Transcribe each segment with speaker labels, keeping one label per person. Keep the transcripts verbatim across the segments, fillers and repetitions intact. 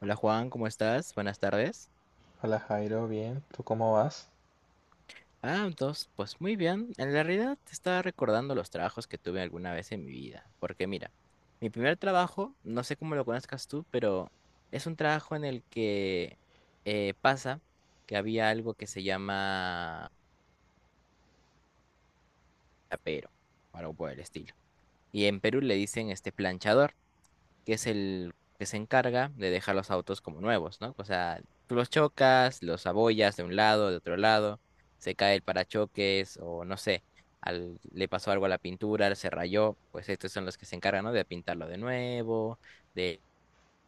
Speaker 1: Hola Juan, ¿cómo estás? Buenas tardes.
Speaker 2: Hola Jairo, bien, ¿tú cómo vas?
Speaker 1: Ah, entonces, pues muy bien. En la realidad te estaba recordando los trabajos que tuve alguna vez en mi vida. Porque mira, mi primer trabajo, no sé cómo lo conozcas tú, pero es un trabajo en el que eh, pasa que había algo que se llama tapero, o algo por el estilo. Y en Perú le dicen este planchador, que es el que se encarga de dejar los autos como nuevos, ¿no? O sea, tú los chocas, los abollas de un lado, de otro lado, se cae el parachoques o no sé, al- le pasó algo a la pintura, se rayó, pues estos son los que se encargan, ¿no? De pintarlo de nuevo, de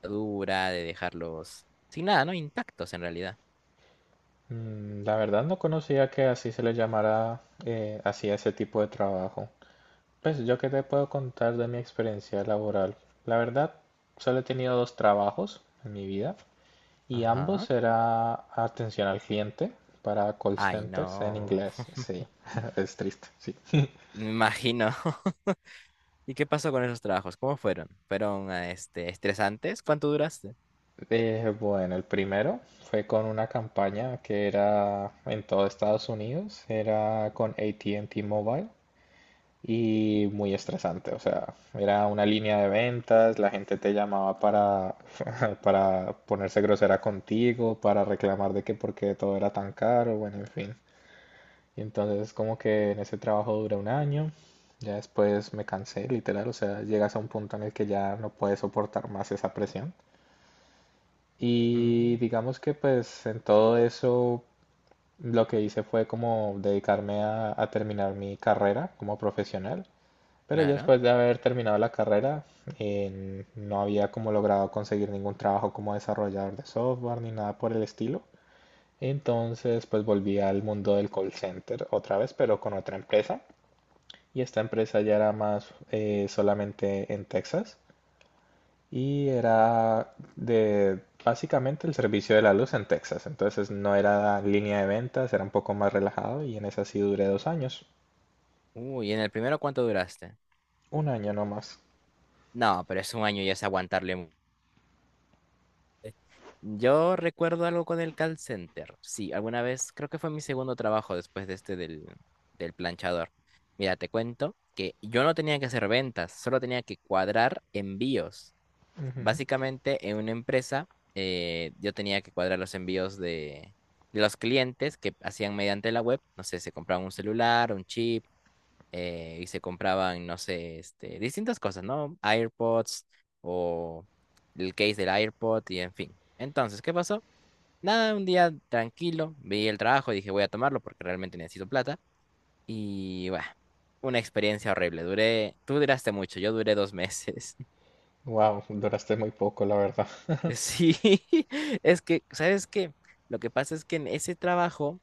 Speaker 1: dura, de dejarlos sin nada, ¿no? Intactos en realidad.
Speaker 2: Mm, la verdad no conocía que así se le llamara eh, así a ese tipo de trabajo. Pues yo qué te puedo contar de mi experiencia laboral. La verdad, solo he tenido dos trabajos en mi vida y
Speaker 1: Ajá.
Speaker 2: ambos era atención al cliente para call
Speaker 1: Ay,
Speaker 2: centers en
Speaker 1: no.
Speaker 2: inglés. Sí, es triste, sí.
Speaker 1: Me imagino. ¿Y qué pasó con esos trabajos? ¿Cómo fueron? ¿Fueron ah, este, estresantes? ¿Cuánto duraste?
Speaker 2: Eh, bueno, el primero fue con una campaña que era en todo Estados Unidos, era con A T and T Mobile y muy estresante. O sea, era una línea de ventas, la gente te llamaba para, para ponerse grosera contigo, para reclamar de que porque todo era tan caro, bueno, en fin. Y entonces como que en ese trabajo duré un año, ya después me cansé, literal, o sea, llegas a un punto en el que ya no puedes soportar más esa presión. Y
Speaker 1: Mm,
Speaker 2: digamos que pues en todo eso lo que hice fue como dedicarme a, a terminar mi carrera como profesional. Pero ya
Speaker 1: claro.
Speaker 2: después de haber terminado la carrera, eh, no había como logrado conseguir ningún trabajo como desarrollador de software ni nada por el estilo. Entonces, pues volví al mundo del call center otra vez, pero con otra empresa. Y esta empresa ya era más eh, solamente en Texas y era de básicamente el servicio de la luz en Texas. Entonces no era línea de ventas, era un poco más relajado y en esa sí duré dos años.
Speaker 1: Uy, ¿en el primero cuánto duraste?
Speaker 2: Un año nomás.
Speaker 1: No, pero es un año y es aguantarle. mu- eh. Yo recuerdo algo con el call center. Sí, alguna vez, creo que fue mi segundo trabajo después de este del, del planchador. Mira, te cuento que yo no tenía que hacer ventas, solo tenía que cuadrar envíos. Básicamente, en una empresa, eh, yo tenía que cuadrar los envíos de, de los clientes que hacían mediante la web. No sé, se compraban un celular, un chip eh, y se compraban, no sé, este, distintas cosas, ¿no? AirPods o el case del AirPod y en fin. Entonces, ¿qué pasó? Nada, un día tranquilo, vi el trabajo y dije voy a tomarlo porque realmente necesito plata. Y bueno, una experiencia horrible. Duré, tú duraste mucho, yo duré dos meses.
Speaker 2: Wow, duraste muy poco, la verdad.
Speaker 1: Sí, es que, ¿sabes qué? Lo que pasa es que en ese trabajo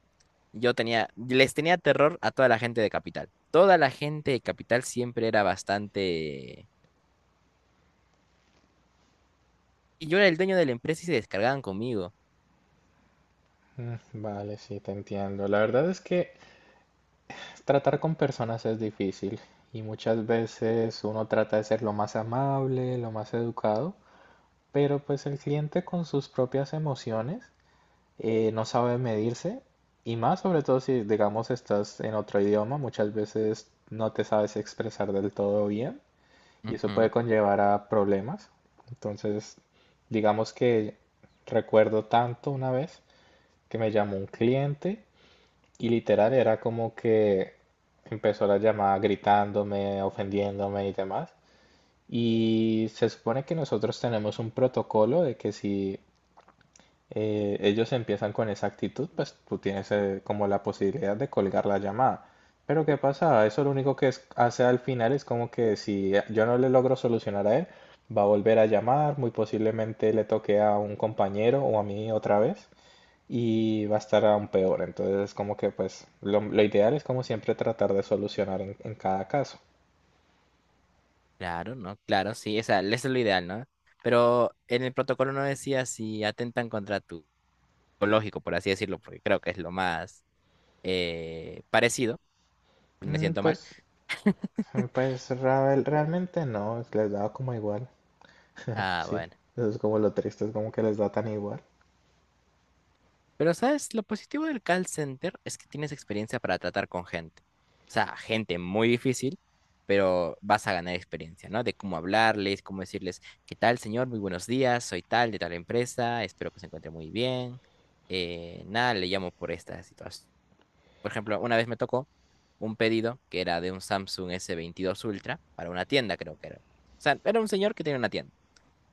Speaker 1: yo tenía, les tenía terror a toda la gente de Capital. Toda la gente de Capital siempre era bastante. Y yo era el dueño de la empresa y se descargaban conmigo.
Speaker 2: Mm, vale, sí, te entiendo. La verdad es que tratar con personas es difícil y muchas veces uno trata de ser lo más amable, lo más educado, pero pues el cliente con sus propias emociones eh, no sabe medirse y más sobre todo si digamos estás en otro idioma, muchas veces no te sabes expresar del todo bien y eso
Speaker 1: Ujú.
Speaker 2: puede conllevar a problemas. Entonces, digamos que recuerdo tanto una vez que me llamó un cliente. Y literal era como que empezó la llamada gritándome, ofendiéndome y demás. Y se supone que nosotros tenemos un protocolo de que si eh, ellos empiezan con esa actitud, pues tú tienes eh, como la posibilidad de colgar la llamada. Pero ¿qué pasa? Eso lo único que es- hace al final es como que si yo no le logro solucionar a él, va a volver a llamar, muy posiblemente le toque a un compañero o a mí otra vez y va a estar aún peor. Entonces, es como que pues lo, lo ideal es como siempre tratar de solucionar en, en cada caso.
Speaker 1: Claro, ¿no? Claro, sí, o sea, eso es lo ideal, ¿no? Pero en el protocolo no decía si atentan contra tu lógico, por así decirlo, porque creo que es lo más eh, parecido. Me
Speaker 2: Mm,
Speaker 1: siento mal.
Speaker 2: pues, pues real- realmente no, les da como igual.
Speaker 1: Ah,
Speaker 2: Sí,
Speaker 1: bueno.
Speaker 2: eso es como lo triste, es como que les da tan igual.
Speaker 1: Pero, ¿sabes? Lo positivo del call center es que tienes experiencia para tratar con gente. O sea, gente muy difícil, pero vas a ganar experiencia, ¿no? De cómo hablarles, cómo decirles, ¿qué tal, señor? Muy buenos días, soy tal, de tal empresa, espero que se encuentre muy bien. Eh, nada, le llamo por esta situación. Por ejemplo, una vez me tocó un pedido que era de un Samsung S veintidós Ultra para una tienda, creo que era. O sea, era un señor que tenía una tienda.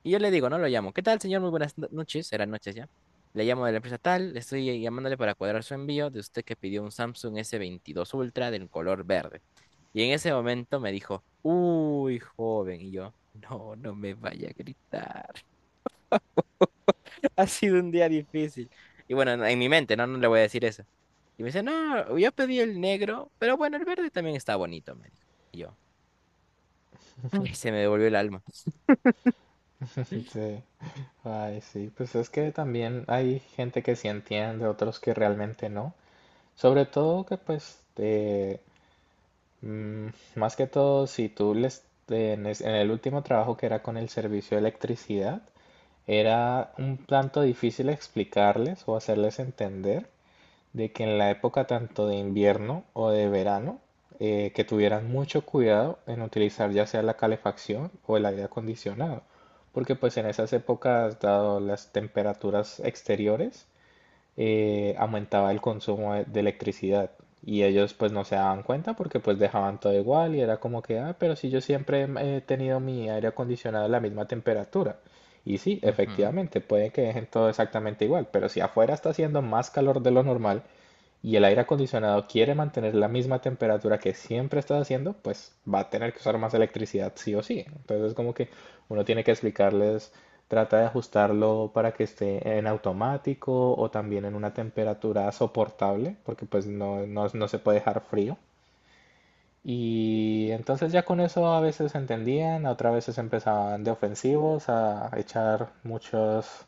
Speaker 1: Y yo le digo, no lo llamo. ¿Qué tal, señor? Muy buenas no- noches. Eran noches ya. Le llamo de la empresa tal. Le Estoy llamándole para cuadrar su envío de usted que pidió un Samsung s veintidós Ultra del color verde. Y en ese momento me dijo, uy, joven. Y yo, no, no me vaya a gritar. Ha sido un día difícil. Y bueno, en en mi mente, no, no le voy a decir eso. Y me dice, no, yo pedí el negro, pero bueno, el verde también está bonito, me dijo. Y yo, ay, se me devolvió el alma.
Speaker 2: Sí. Ay, sí, pues es que también hay gente que sí entiende, otros que realmente no. Sobre todo que pues eh, mm, más que todo si tú les en es- en el último trabajo que era con el servicio de electricidad. Era un tanto difícil explicarles o hacerles entender de que en la época tanto de invierno o de verano, eh, que tuvieran mucho cuidado en utilizar ya sea la calefacción o el aire acondicionado, porque pues en esas épocas, dado las temperaturas exteriores, eh, aumentaba el consumo de de electricidad. Y ellos pues no se daban cuenta porque pues dejaban todo igual y era como que, ah, pero si yo siempre he tenido mi aire acondicionado a la misma temperatura. Y sí,
Speaker 1: Ujú.
Speaker 2: efectivamente, puede que dejen todo exactamente igual, pero si afuera está haciendo más calor de lo normal, y el aire acondicionado quiere mantener la misma temperatura que siempre está haciendo, pues va a tener que usar más electricidad sí o sí. Entonces como que uno tiene que explicarles, trata de ajustarlo para que esté en automático o también en una temperatura soportable, porque pues no, no, no se puede dejar frío. Y entonces ya con eso a veces entendían, a otras veces empezaban de ofensivos a echar muchos.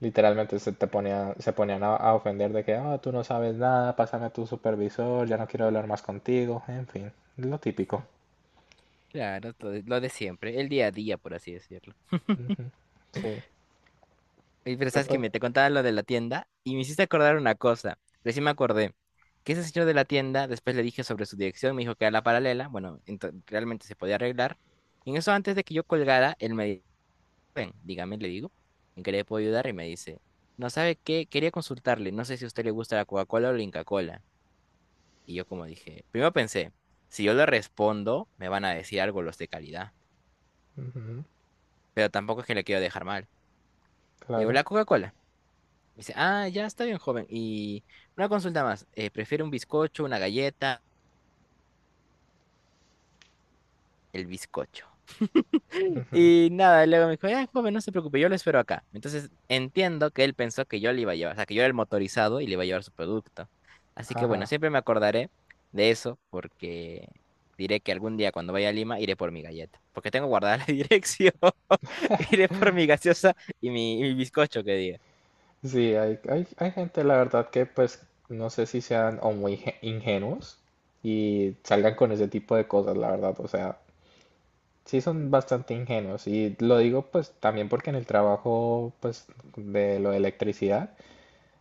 Speaker 2: Literalmente se te ponía, se ponían a, a ofender de que, "Ah, tú no sabes nada, pásame a tu supervisor, ya no quiero hablar más contigo, en fin", lo típico.
Speaker 1: Claro, lo de, lo de siempre, el día a día, por así decirlo.
Speaker 2: Ujú, sí,
Speaker 1: Oye, pero
Speaker 2: pero
Speaker 1: sabes que
Speaker 2: pues,
Speaker 1: me te contaba lo de la tienda y me hiciste acordar una cosa. Recién me acordé que ese señor de la tienda, después le dije sobre su dirección, me dijo que era la paralela. Bueno, ento- realmente se podía arreglar. Y en eso, antes de que yo colgara, él me dijo, ven, dígame, le digo, ¿en qué le puedo ayudar? Y me dice, no sabe qué, quería consultarle, no sé si a usted le gusta la Coca-Cola o la Inca-Cola. Y yo como dije, primero pensé, si yo le respondo, me van a decir algo los de calidad,
Speaker 2: ujú,
Speaker 1: pero tampoco es que le quiero dejar mal. Le digo,
Speaker 2: claro,
Speaker 1: la Coca-Cola. Me dice, ah, ya está bien, joven. Y una consulta más, eh, ¿prefiere un bizcocho, una galleta? El bizcocho. Y nada, luego me dijo, ya, joven, no se preocupe, yo lo espero acá. Entonces entiendo que él pensó que yo le iba a llevar, o sea, que yo era el motorizado y le iba a llevar su producto. Así que bueno,
Speaker 2: ajá.
Speaker 1: siempre me acordaré de eso porque diré que algún día cuando vaya a Lima iré por mi galleta, porque tengo guardada la dirección. Iré por mi gaseosa y mi, y mi bizcocho que diga.
Speaker 2: Sí, hay, hay, hay gente, la verdad, que pues no sé si sean o muy inge- ingenuos y salgan con ese tipo de cosas, la verdad, o sea, sí son bastante ingenuos y lo digo pues también porque en el trabajo pues de lo de electricidad.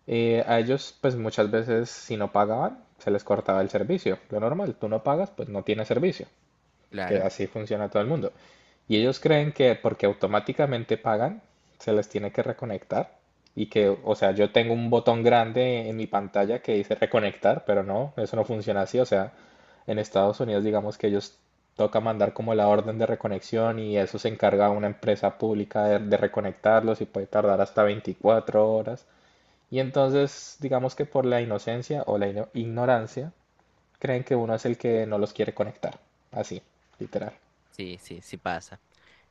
Speaker 2: Eh, a ellos, pues muchas veces, si no pagaban, se les cortaba el servicio. Lo normal, tú no pagas, pues no tienes servicio, que
Speaker 1: Claro,
Speaker 2: así funciona todo el mundo. Y ellos creen que porque automáticamente pagan, se les tiene que reconectar y que, o sea, yo tengo un botón grande en mi pantalla que dice reconectar, pero no, eso no funciona así. O sea, en Estados Unidos, digamos que ellos toca mandar como la orden de reconexión y eso se encarga una empresa pública de, de reconectarlos y puede tardar hasta veinticuatro horas. Y entonces, digamos que por la inocencia o la ino- ignorancia, creen que uno es el que no los quiere conectar. Así, literal.
Speaker 1: sí, sí, sí pasa.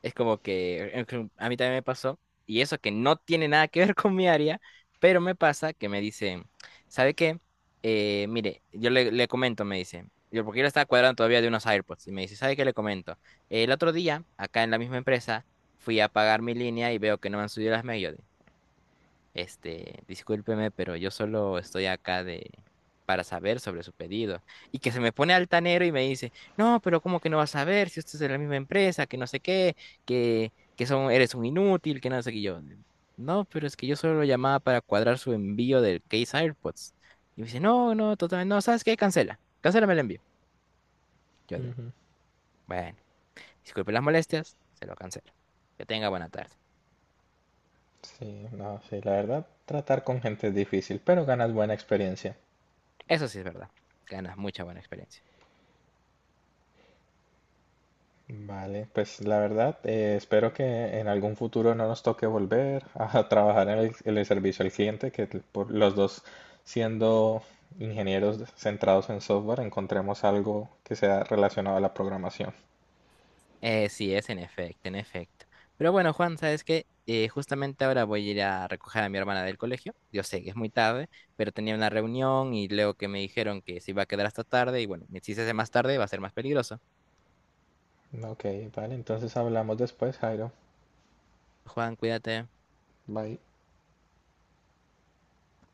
Speaker 1: Es como que eh, que a mí también me pasó, y eso que no tiene nada que ver con mi área, pero me pasa que me dicen, ¿sabe qué? Eh, mire, yo le, le comento, me dice, yo porque yo le estaba cuadrando todavía de unos AirPods, y me dice, ¿sabe qué le comento? El otro día, acá en la misma empresa, fui a pagar mi línea y veo que no me han subido las medias. Este, discúlpeme, pero yo solo estoy acá de para saber sobre su pedido. Y que se me pone altanero y me dice, no, pero ¿cómo que no vas a ver si usted es de la misma empresa, que no sé qué, que, que son, eres un inútil, que no sé qué. Y yo, no, pero es que yo solo lo llamaba para cuadrar su envío del case AirPods. Y me dice, no, no, totalmente, no, ¿sabes qué? Cancela, cancélame el envío. Yo de,
Speaker 2: Ujú.
Speaker 1: bueno, disculpe las molestias, se lo cancelo. Que tenga buena tarde.
Speaker 2: Sí, no, sí, la verdad, tratar con gente es difícil, pero ganas buena experiencia.
Speaker 1: Eso sí es verdad, ganas mucha buena experiencia.
Speaker 2: Vale, pues la verdad, eh, espero que en algún futuro no nos toque volver a trabajar en el, en el servicio al cliente, que por los dos siendo ingenieros centrados en software, encontremos algo que sea relacionado a la programación.
Speaker 1: Eh, sí, es en efecto, en efecto. Pero bueno, Juan, ¿sabes qué? Eh, justamente ahora voy a ir a recoger a mi hermana del colegio. Yo sé que es muy tarde, pero tenía una reunión y luego que me dijeron que se iba a quedar hasta tarde y bueno, si se hace más tarde va a ser más peligroso.
Speaker 2: Ok, vale, entonces hablamos después, Jairo.
Speaker 1: Juan, cuídate.
Speaker 2: Bye.